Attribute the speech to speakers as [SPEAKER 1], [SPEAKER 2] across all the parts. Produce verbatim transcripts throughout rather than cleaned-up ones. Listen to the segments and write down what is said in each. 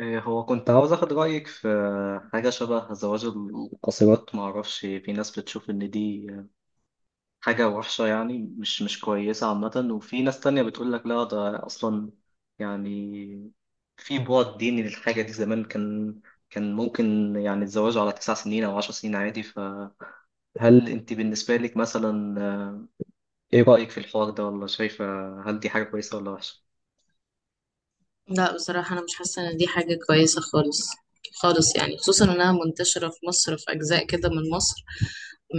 [SPEAKER 1] إيه، هو كنت عاوز اخد رايك في حاجه شبه زواج القاصرات. ما اعرفش، في ناس بتشوف ان دي حاجه وحشه، يعني مش مش كويسه عامه، وفي ناس تانية بتقول لك لا، ده اصلا يعني في بعد ديني للحاجه دي. زمان كان كان ممكن يعني الزواج على تسع سنين او عشر سنين عادي. فهل انت بالنسبه لك مثلا، آه، ايه رايك في الحوار ده؟ ولا شايفه، هل دي حاجه كويسه ولا وحشه؟
[SPEAKER 2] لا، بصراحة أنا مش حاسة إن دي حاجة كويسة خالص خالص. يعني خصوصا إنها منتشرة في مصر، في أجزاء كده من مصر.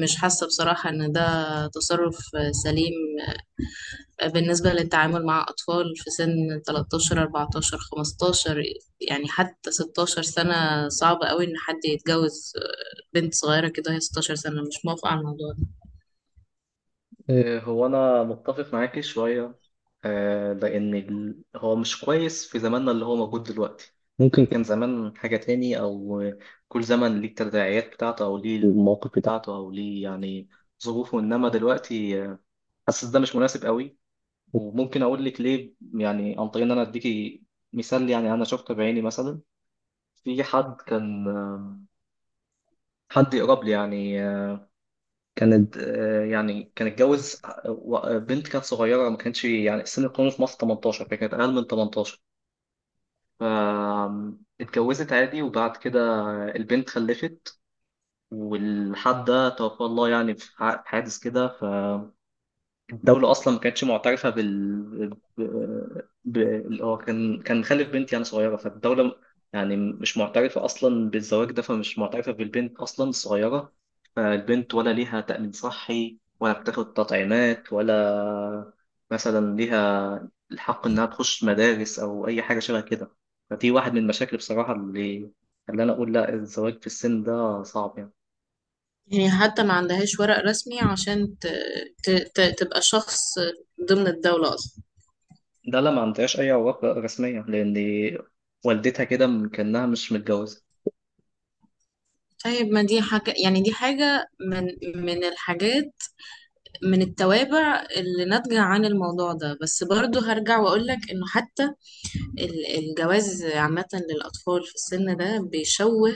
[SPEAKER 2] مش حاسة بصراحة إن ده تصرف سليم. بالنسبة للتعامل مع أطفال في سن تلتاشر، اربعتاشر، خمستاشر، يعني حتى ستاشر سنة، صعب قوي إن حد يتجوز بنت صغيرة كده. هي ستاشر سنة مش موافقة على الموضوع ده.
[SPEAKER 1] إيه، هو أنا متفق معاكي شوية. آه، لأن ال- هو مش كويس في زماننا اللي هو موجود دلوقتي. ممكن كان زمان حاجة تاني، أو كل زمن ليه التداعيات بتاعته، أو ليه المواقف بتاعته، أو ليه يعني ظروفه. إنما دلوقتي آه، حاسس ده مش مناسب قوي. وممكن أقول لك ليه، يعني عن طريق إن أنا أديكي مثال. يعني أنا شفته بعيني مثلا، في حد كان آه، حد يقرب لي، يعني آه، كانت آه، يعني كان اتجوز آه، بنت كانت صغيرة، ما كانش يعني سن القانون في مصر تمنتاشر، فكانت أقل من تمنتاشر. ف- اتجوزت عادي، وبعد كده البنت خلفت، والحد ده توفى الله، يعني في ح- في حادث كده. الدولة أصلا ما كانتش معترفة بال ب... ب... ال- هو كان كان خالف بنت يعني صغيرة، فالدولة يعني مش معترفة أصلا بالزواج ده، فمش معترفة بالبنت أصلا الصغيرة. فالبنت ولا ليها تأمين صحي، ولا بتاخد تطعيمات، ولا مثلا ليها الحق إنها تخش مدارس أو أي حاجة شبه كده. فدي واحد من المشاكل بصراحة اللي اللي أنا أقول لا الزواج في السن ده صعب يعني.
[SPEAKER 2] يعني حتى ما عندهاش ورق رسمي عشان ت... ت... ت... تبقى شخص ضمن الدولة أصلا.
[SPEAKER 1] ده لا، ما عندهاش أي علاقة رسمية، لأن والدتها كده م- كأنها مش متجوزة.
[SPEAKER 2] طيب، ما دي حاجة، يعني دي حاجة من من الحاجات، من التوابع اللي ناتجة عن الموضوع ده. بس برضو هرجع وأقولك إنه حتى ال- الجواز عامة للأطفال في السن ده بيشوه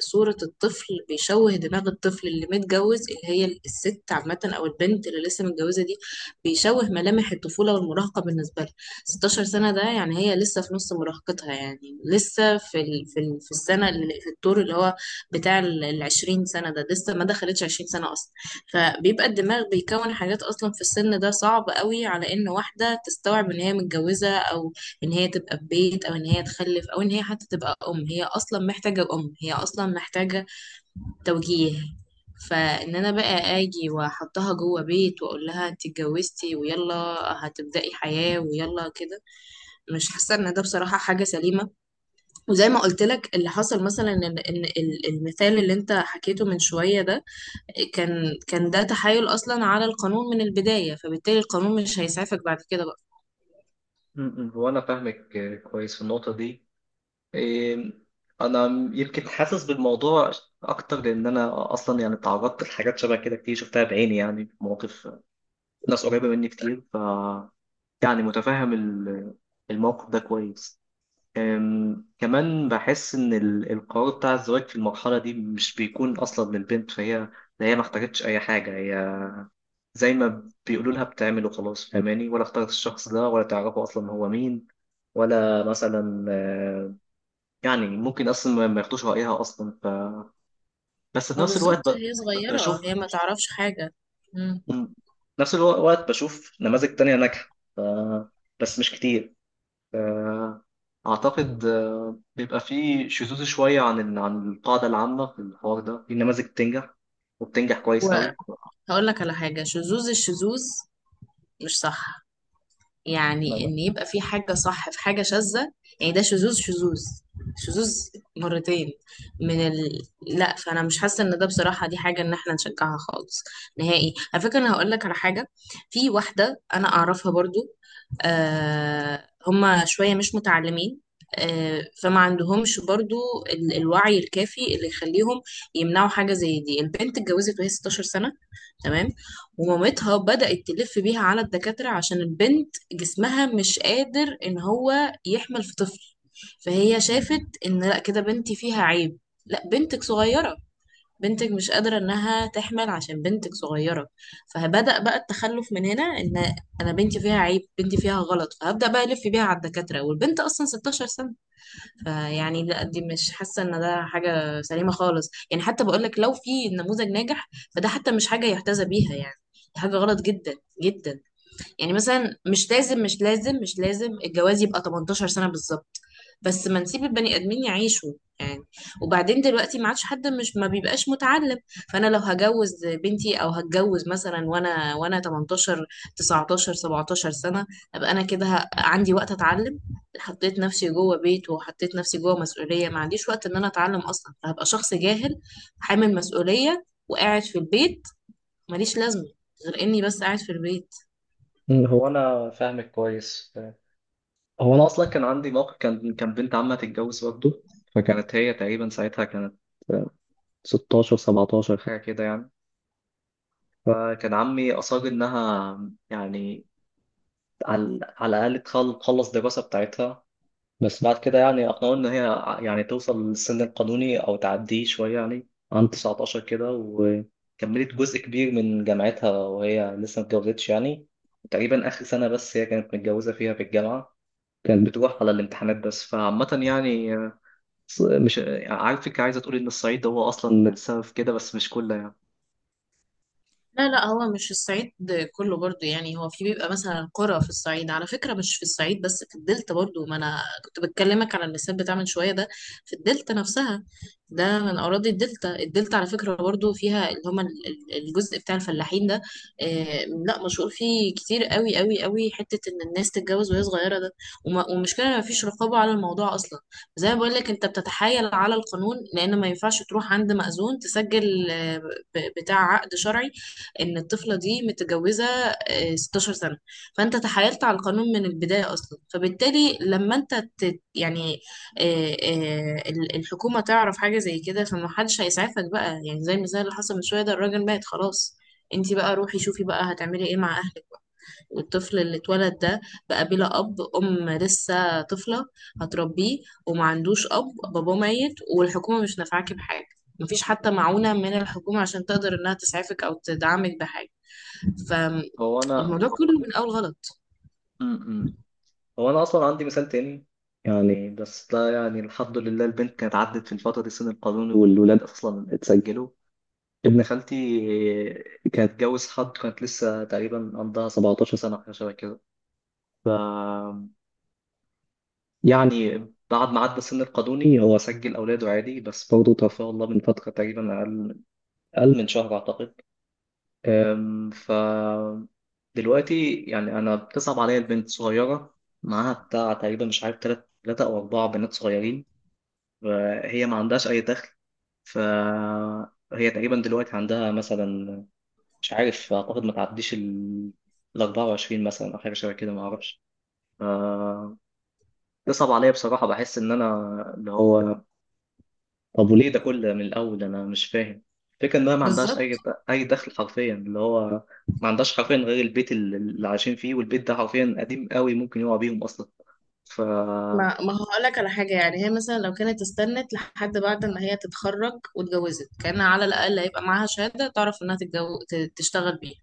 [SPEAKER 2] صورة الطفل، بيشوه دماغ الطفل اللي متجوز، اللي هي الست عامة أو البنت اللي لسه متجوزة دي. بيشوه ملامح الطفولة والمراهقة بالنسبة لها. ستاشر سنة ده يعني هي لسه في نص مراهقتها، يعني لسه في ال... في, ال... في السنة، اللي في الدور اللي هو بتاع ال ال عشرين سنة ده. لسه ما دخلتش عشرين سنة أصلا. فبيبقى الدماغ بيكون حاجات أصلا في السن ده صعب قوي على إن واحدة تستوعب إن هي متجوزة، أو ان هي تبقى في بيت، او ان هي تخلف، او ان هي حتى تبقى ام. هي اصلا محتاجة ام هي اصلا محتاجة توجيه. فان انا بقى اجي واحطها جوه بيت واقول لها انت اتجوزتي ويلا هتبدأي حياة ويلا كده، مش حاسة ان ده بصراحة حاجة سليمة. وزي ما قلت لك، اللي حصل مثلا، ان إن ال- المثال اللي انت حكيته من شوية ده، كان كان ده تحايل اصلا على القانون من البداية، فبالتالي القانون مش هيسعفك بعد كده بقى.
[SPEAKER 1] م- م. هو أنا فاهمك كويس في النقطة دي. إيه، أنا يمكن حاسس بالموضوع أكتر، لأن أنا أصلا يعني تعرضت لحاجات شبه كده كتير، شفتها بعيني يعني، في مواقف ناس قريبة مني كتير، ف يعني متفهم ال- الموقف ده كويس. أم، كمان بحس إن ال- القرار بتاع الزواج في المرحلة دي مش بيكون أصلا للبنت، فهي هي ما احتاجتش أي حاجة. هي زي ما بيقولوا لها بتعمل وخلاص، فاهماني؟ ولا اختارت الشخص ده، ولا تعرفه اصلا هو مين، ولا مثلا آه، يعني ممكن اصلا ما ما ياخدوش رايها اصلا. ف... بس في
[SPEAKER 2] ما
[SPEAKER 1] نفس الوقت
[SPEAKER 2] بالظبط،
[SPEAKER 1] ب...
[SPEAKER 2] هي
[SPEAKER 1] ب-
[SPEAKER 2] صغيرة،
[SPEAKER 1] بشوف،
[SPEAKER 2] هي ما تعرفش حاجة.
[SPEAKER 1] م- نفس الوقت بشوف نماذج تانية ناجحة. ف... بس مش كتير. ف... اعتقد آه، بيبقى فيه شذوذ شوية عن ال... عن القاعدة العامة في الحوار ده، في نماذج بتنجح، وبتنجح كويس قوي.
[SPEAKER 2] وهقول لك على حاجة، شذوذ الشذوذ مش صح.
[SPEAKER 1] ما-
[SPEAKER 2] يعني
[SPEAKER 1] ما-
[SPEAKER 2] ان يبقى في حاجة صح في حاجة شاذة، يعني ده شذوذ شذوذ شذوذ مرتين من ال... لا، فانا مش حاسة ان ده بصراحة دي حاجة ان احنا نشجعها خالص، نهائي. على فكرة، انا هقول لك على حاجة. في واحدة انا اعرفها برضو، آه، هما شوية مش متعلمين، آه، فما عندهمش برضو ال- الوعي الكافي اللي يخليهم يمنعوا حاجة زي دي. البنت اتجوزت وهي ستاشر سنة، تمام، ومامتها بدأت تلف بيها على الدكاترة عشان البنت جسمها مش قادر ان هو يحمل في طفل. فهي شافت ان لا، كده بنتي فيها عيب. لا، بنتك صغيرة، بنتك مش قادرة انها تحمل عشان بنتك صغيرة. فبدأ بقى التخلف من هنا، ان انا بنتي فيها عيب بنتي فيها غلط، فهبدأ بقى الف بيها على الدكاترة والبنت اصلا ستاشر سنة. فيعني لا، دي مش حاسه ان ده حاجه سليمه خالص. يعني حتى بقول لك لو في نموذج ناجح، فده حتى مش حاجه يحتذى بيها يعني. دي حاجه غلط جدا جدا. يعني مثلا مش لازم مش لازم مش لازم الجواز يبقى تمنتاشر سنة بالظبط، بس ما نسيب البني ادمين يعيشوا يعني. وبعدين دلوقتي ما عادش حد مش ما بيبقاش متعلم. فانا لو هجوز بنتي او هتجوز مثلا وانا وانا تمنتاشر، تسعتاشر، سبعتاشر سنة، ابقى انا كده ه- عندي وقت اتعلم؟ حطيت نفسي جوه بيت، وحطيت نفسي جوه مسؤولية، ما عنديش وقت ان انا اتعلم اصلا، فهبقى شخص جاهل حامل مسؤولية وقاعد في البيت، ماليش لازمة غير اني بس قاعد في البيت.
[SPEAKER 1] م. هو أنا فاهمك كويس. هو انا اصلا كان عندي موقف، كان كان بنت عمها تتجوز برضه، فكانت هي تقريبا ساعتها كانت ستاشر سبعتاشر حاجه كده يعني. فكان عمي اصر انها يعني على على الاقل تخل- تخلص الدراسه بتاعتها. بس بعد كده يعني اقنعوه ان هي ع- يعني توصل للسن القانوني او تعديه شويه، يعني عن تسعتاشر كده، وكملت جزء كبير من جامعتها وهي لسه ما اتجوزتش. يعني تقريبا اخر سنه بس هي كانت متجوزه فيها في الجامعه، كانت بتروح على الامتحانات بس. فعامة يعني، ص- مش عارفك عايزة تقولي إن الصعيد هو أصلا السبب في كده، بس مش كله يعني.
[SPEAKER 2] لا لا، هو مش الصعيد كله برضو. يعني هو في بيبقى مثلا قرى في الصعيد، على فكرة مش في الصعيد بس، في الدلتا برضو. ما انا كنت بتكلمك على المثال بتاع من شوية ده في الدلتا نفسها، ده من اراضي الدلتا. الدلتا على فكرة برضو فيها اللي هما ال- ال- الجزء بتاع الفلاحين ده. آه، لا، مشهور فيه كتير قوي قوي قوي حتة ان الناس تتجوز وهي صغيرة ده. وما- ومشكلة ما فيش رقابة على الموضوع اصلا. زي ما بقول لك، انت بتتحايل على القانون، لان ما ينفعش تروح عند مأذون تسجل آه، ب- بتاع عقد شرعي ان الطفله دي متجوزه آه، ستاشر سنه. فانت تحايلت على القانون من البدايه اصلا، فبالتالي لما انت تت يعني آه، آه، ال- الحكومه تعرف حاجه زي كده، فمحدش هيسعفك بقى. يعني زي المثال اللي حصل من شويه ده، الراجل مات خلاص، انتي بقى روحي شوفي بقى هتعملي ايه مع اهلك؟ والطفل اللي اتولد ده بقى بلا اب، ام لسه طفله هتربيه وما عندوش اب، باباه ميت، والحكومه مش نافعاكي بحاجه. مفيش حتى معونه من الحكومه عشان تقدر انها تسعفك او تدعمك بحاجه.
[SPEAKER 1] هو أنا
[SPEAKER 2] فالموضوع كله من اول غلط.
[SPEAKER 1] م -م. هو أنا أصلا عندي مثال تاني، يعني بس ده يعني الحمد لله البنت كانت عدت في الفترة دي السن القانوني، والولاد أصلا اتسجلوا. ابن خالتي كانت اتجوز حد، كانت لسه تقريبا عندها سبعة عشر سنة حاجة شبه كده يعني. بعد ما عدى السن القانوني هو سجل أولاده عادي، بس برضه توفاه الله من فترة تقريبا، أقل أقل من شهر أعتقد. أم، ف دلوقتي يعني انا بتصعب عليا، البنت صغيره، معاها بتاع تقريبا، مش عارف، تلات تلاتة او اربعه بنات صغيرين. فهي ما عندهاش اي دخل. فهي تقريبا دلوقتي عندها مثلا، مش عارف، اعتقد ما تعديش ال ال أربعة وعشرين مثلا، او حاجه شبه كده، ما اعرفش. ف- بتصعب عليا بصراحه، بحس ان انا، اللي هو، طب وليه ده كله من الأول؟ أنا مش فاهم. الفكرة إنها ما عندهاش أي
[SPEAKER 2] بالظبط،
[SPEAKER 1] أي دخل، حرفيا اللي هو ما عندهاش حرفيا غير البيت اللي اللي عايشين فيه، والبيت ده حرفيا قديم قوي، ممكن يقع بيهم أصلا. ف
[SPEAKER 2] ما ما هقول لك على حاجه. يعني هي مثلا لو كانت استنت لحد بعد ما هي تتخرج واتجوزت، كان على الاقل هيبقى معاها شهاده تعرف انها تتجو... ت- تشتغل بيها.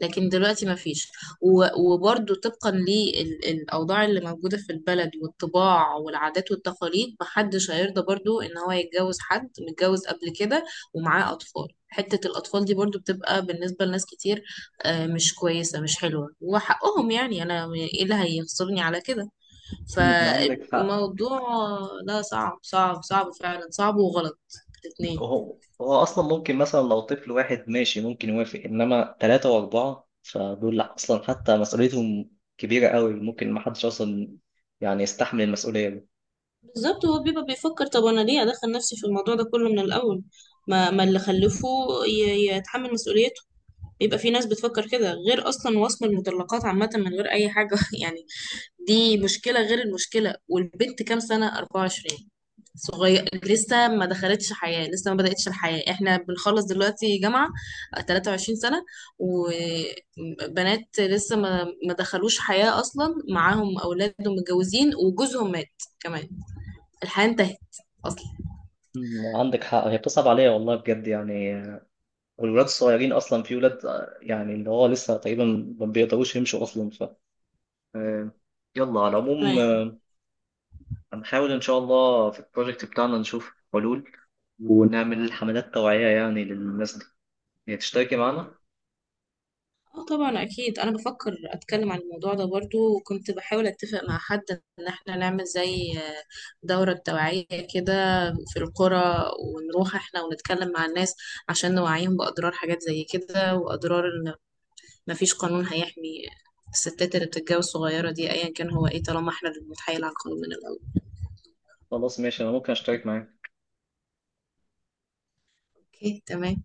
[SPEAKER 2] لكن دلوقتي ما فيش. وبرده طبقا للأوضاع اللي موجودة في البلد والطباع والعادات والتقاليد، محدش هيرضى برضو إن هو يتجوز حد متجوز قبل كده ومعاه أطفال. حتة الأطفال دي برضو بتبقى بالنسبة لناس كتير آه، مش كويسة مش حلوة، وحقهم يعني، أنا إيه اللي هيخسرني على كده؟
[SPEAKER 1] مم، عندك حق.
[SPEAKER 2] فالموضوع ده صعب صعب صعب فعلا، صعب وغلط الاتنين.
[SPEAKER 1] هو هو أصلا ممكن، مثلا لو طفل واحد ماشي ممكن يوافق، إنما ثلاثة وأربعة فدول أصلا حتى مسؤوليتهم كبيرة قوي، ممكن ما حدش أصلا يعني يستحمل المسؤولية دي.
[SPEAKER 2] بالظبط، هو بيبقى بيفكر، طب انا ليه ادخل نفسي في الموضوع ده كله من الاول؟ ما ما اللي خلفه ي- يتحمل مسؤوليته. بيبقى في ناس بتفكر كده، غير اصلا وصم المطلقات عامه من غير اي حاجه يعني. دي مشكله غير المشكله. والبنت كام سنه؟ اربعة وعشرين، صغير لسه، ما دخلتش حياه، لسه ما بداتش الحياه. احنا بنخلص دلوقتي جامعه تلاتة وعشرين سنه، وبنات لسه ما ما دخلوش حياه اصلا، معاهم اولاد ومتجوزين وجوزهم مات كمان. الحياة انتهت أصلا.
[SPEAKER 1] مم، عندك حق، هي بتصعب عليا والله بجد يعني. والولاد الصغيرين اصلا، في ولاد، آه، يعني اللي هو لسه تقريبا ما بيقدروش يمشوا اصلا. ف آه، يلا، على العموم،
[SPEAKER 2] تمام.
[SPEAKER 1] آه، هنحاول ان شاء الله في البروجكت بتاعنا نشوف حلول، ونعمل حملات توعية يعني للناس دي. هي تشتركي معانا؟
[SPEAKER 2] اه طبعا، اكيد انا بفكر اتكلم عن الموضوع ده برضو، وكنت بحاول اتفق مع حد ان احنا نعمل زي آه، دورة توعية كده في القرى، ونروح احنا ونتكلم مع الناس عشان نوعيهم باضرار حاجات زي كده، واضرار ان مفيش قانون هيحمي الستات اللي بتتجوز صغيرة دي، ايا كان هو ايه، طالما احنا اللي بنتحايل على القانون من الاول.
[SPEAKER 1] خلاص ماشي، انا ممكن اشترك معاك.
[SPEAKER 2] اوكي، تمام.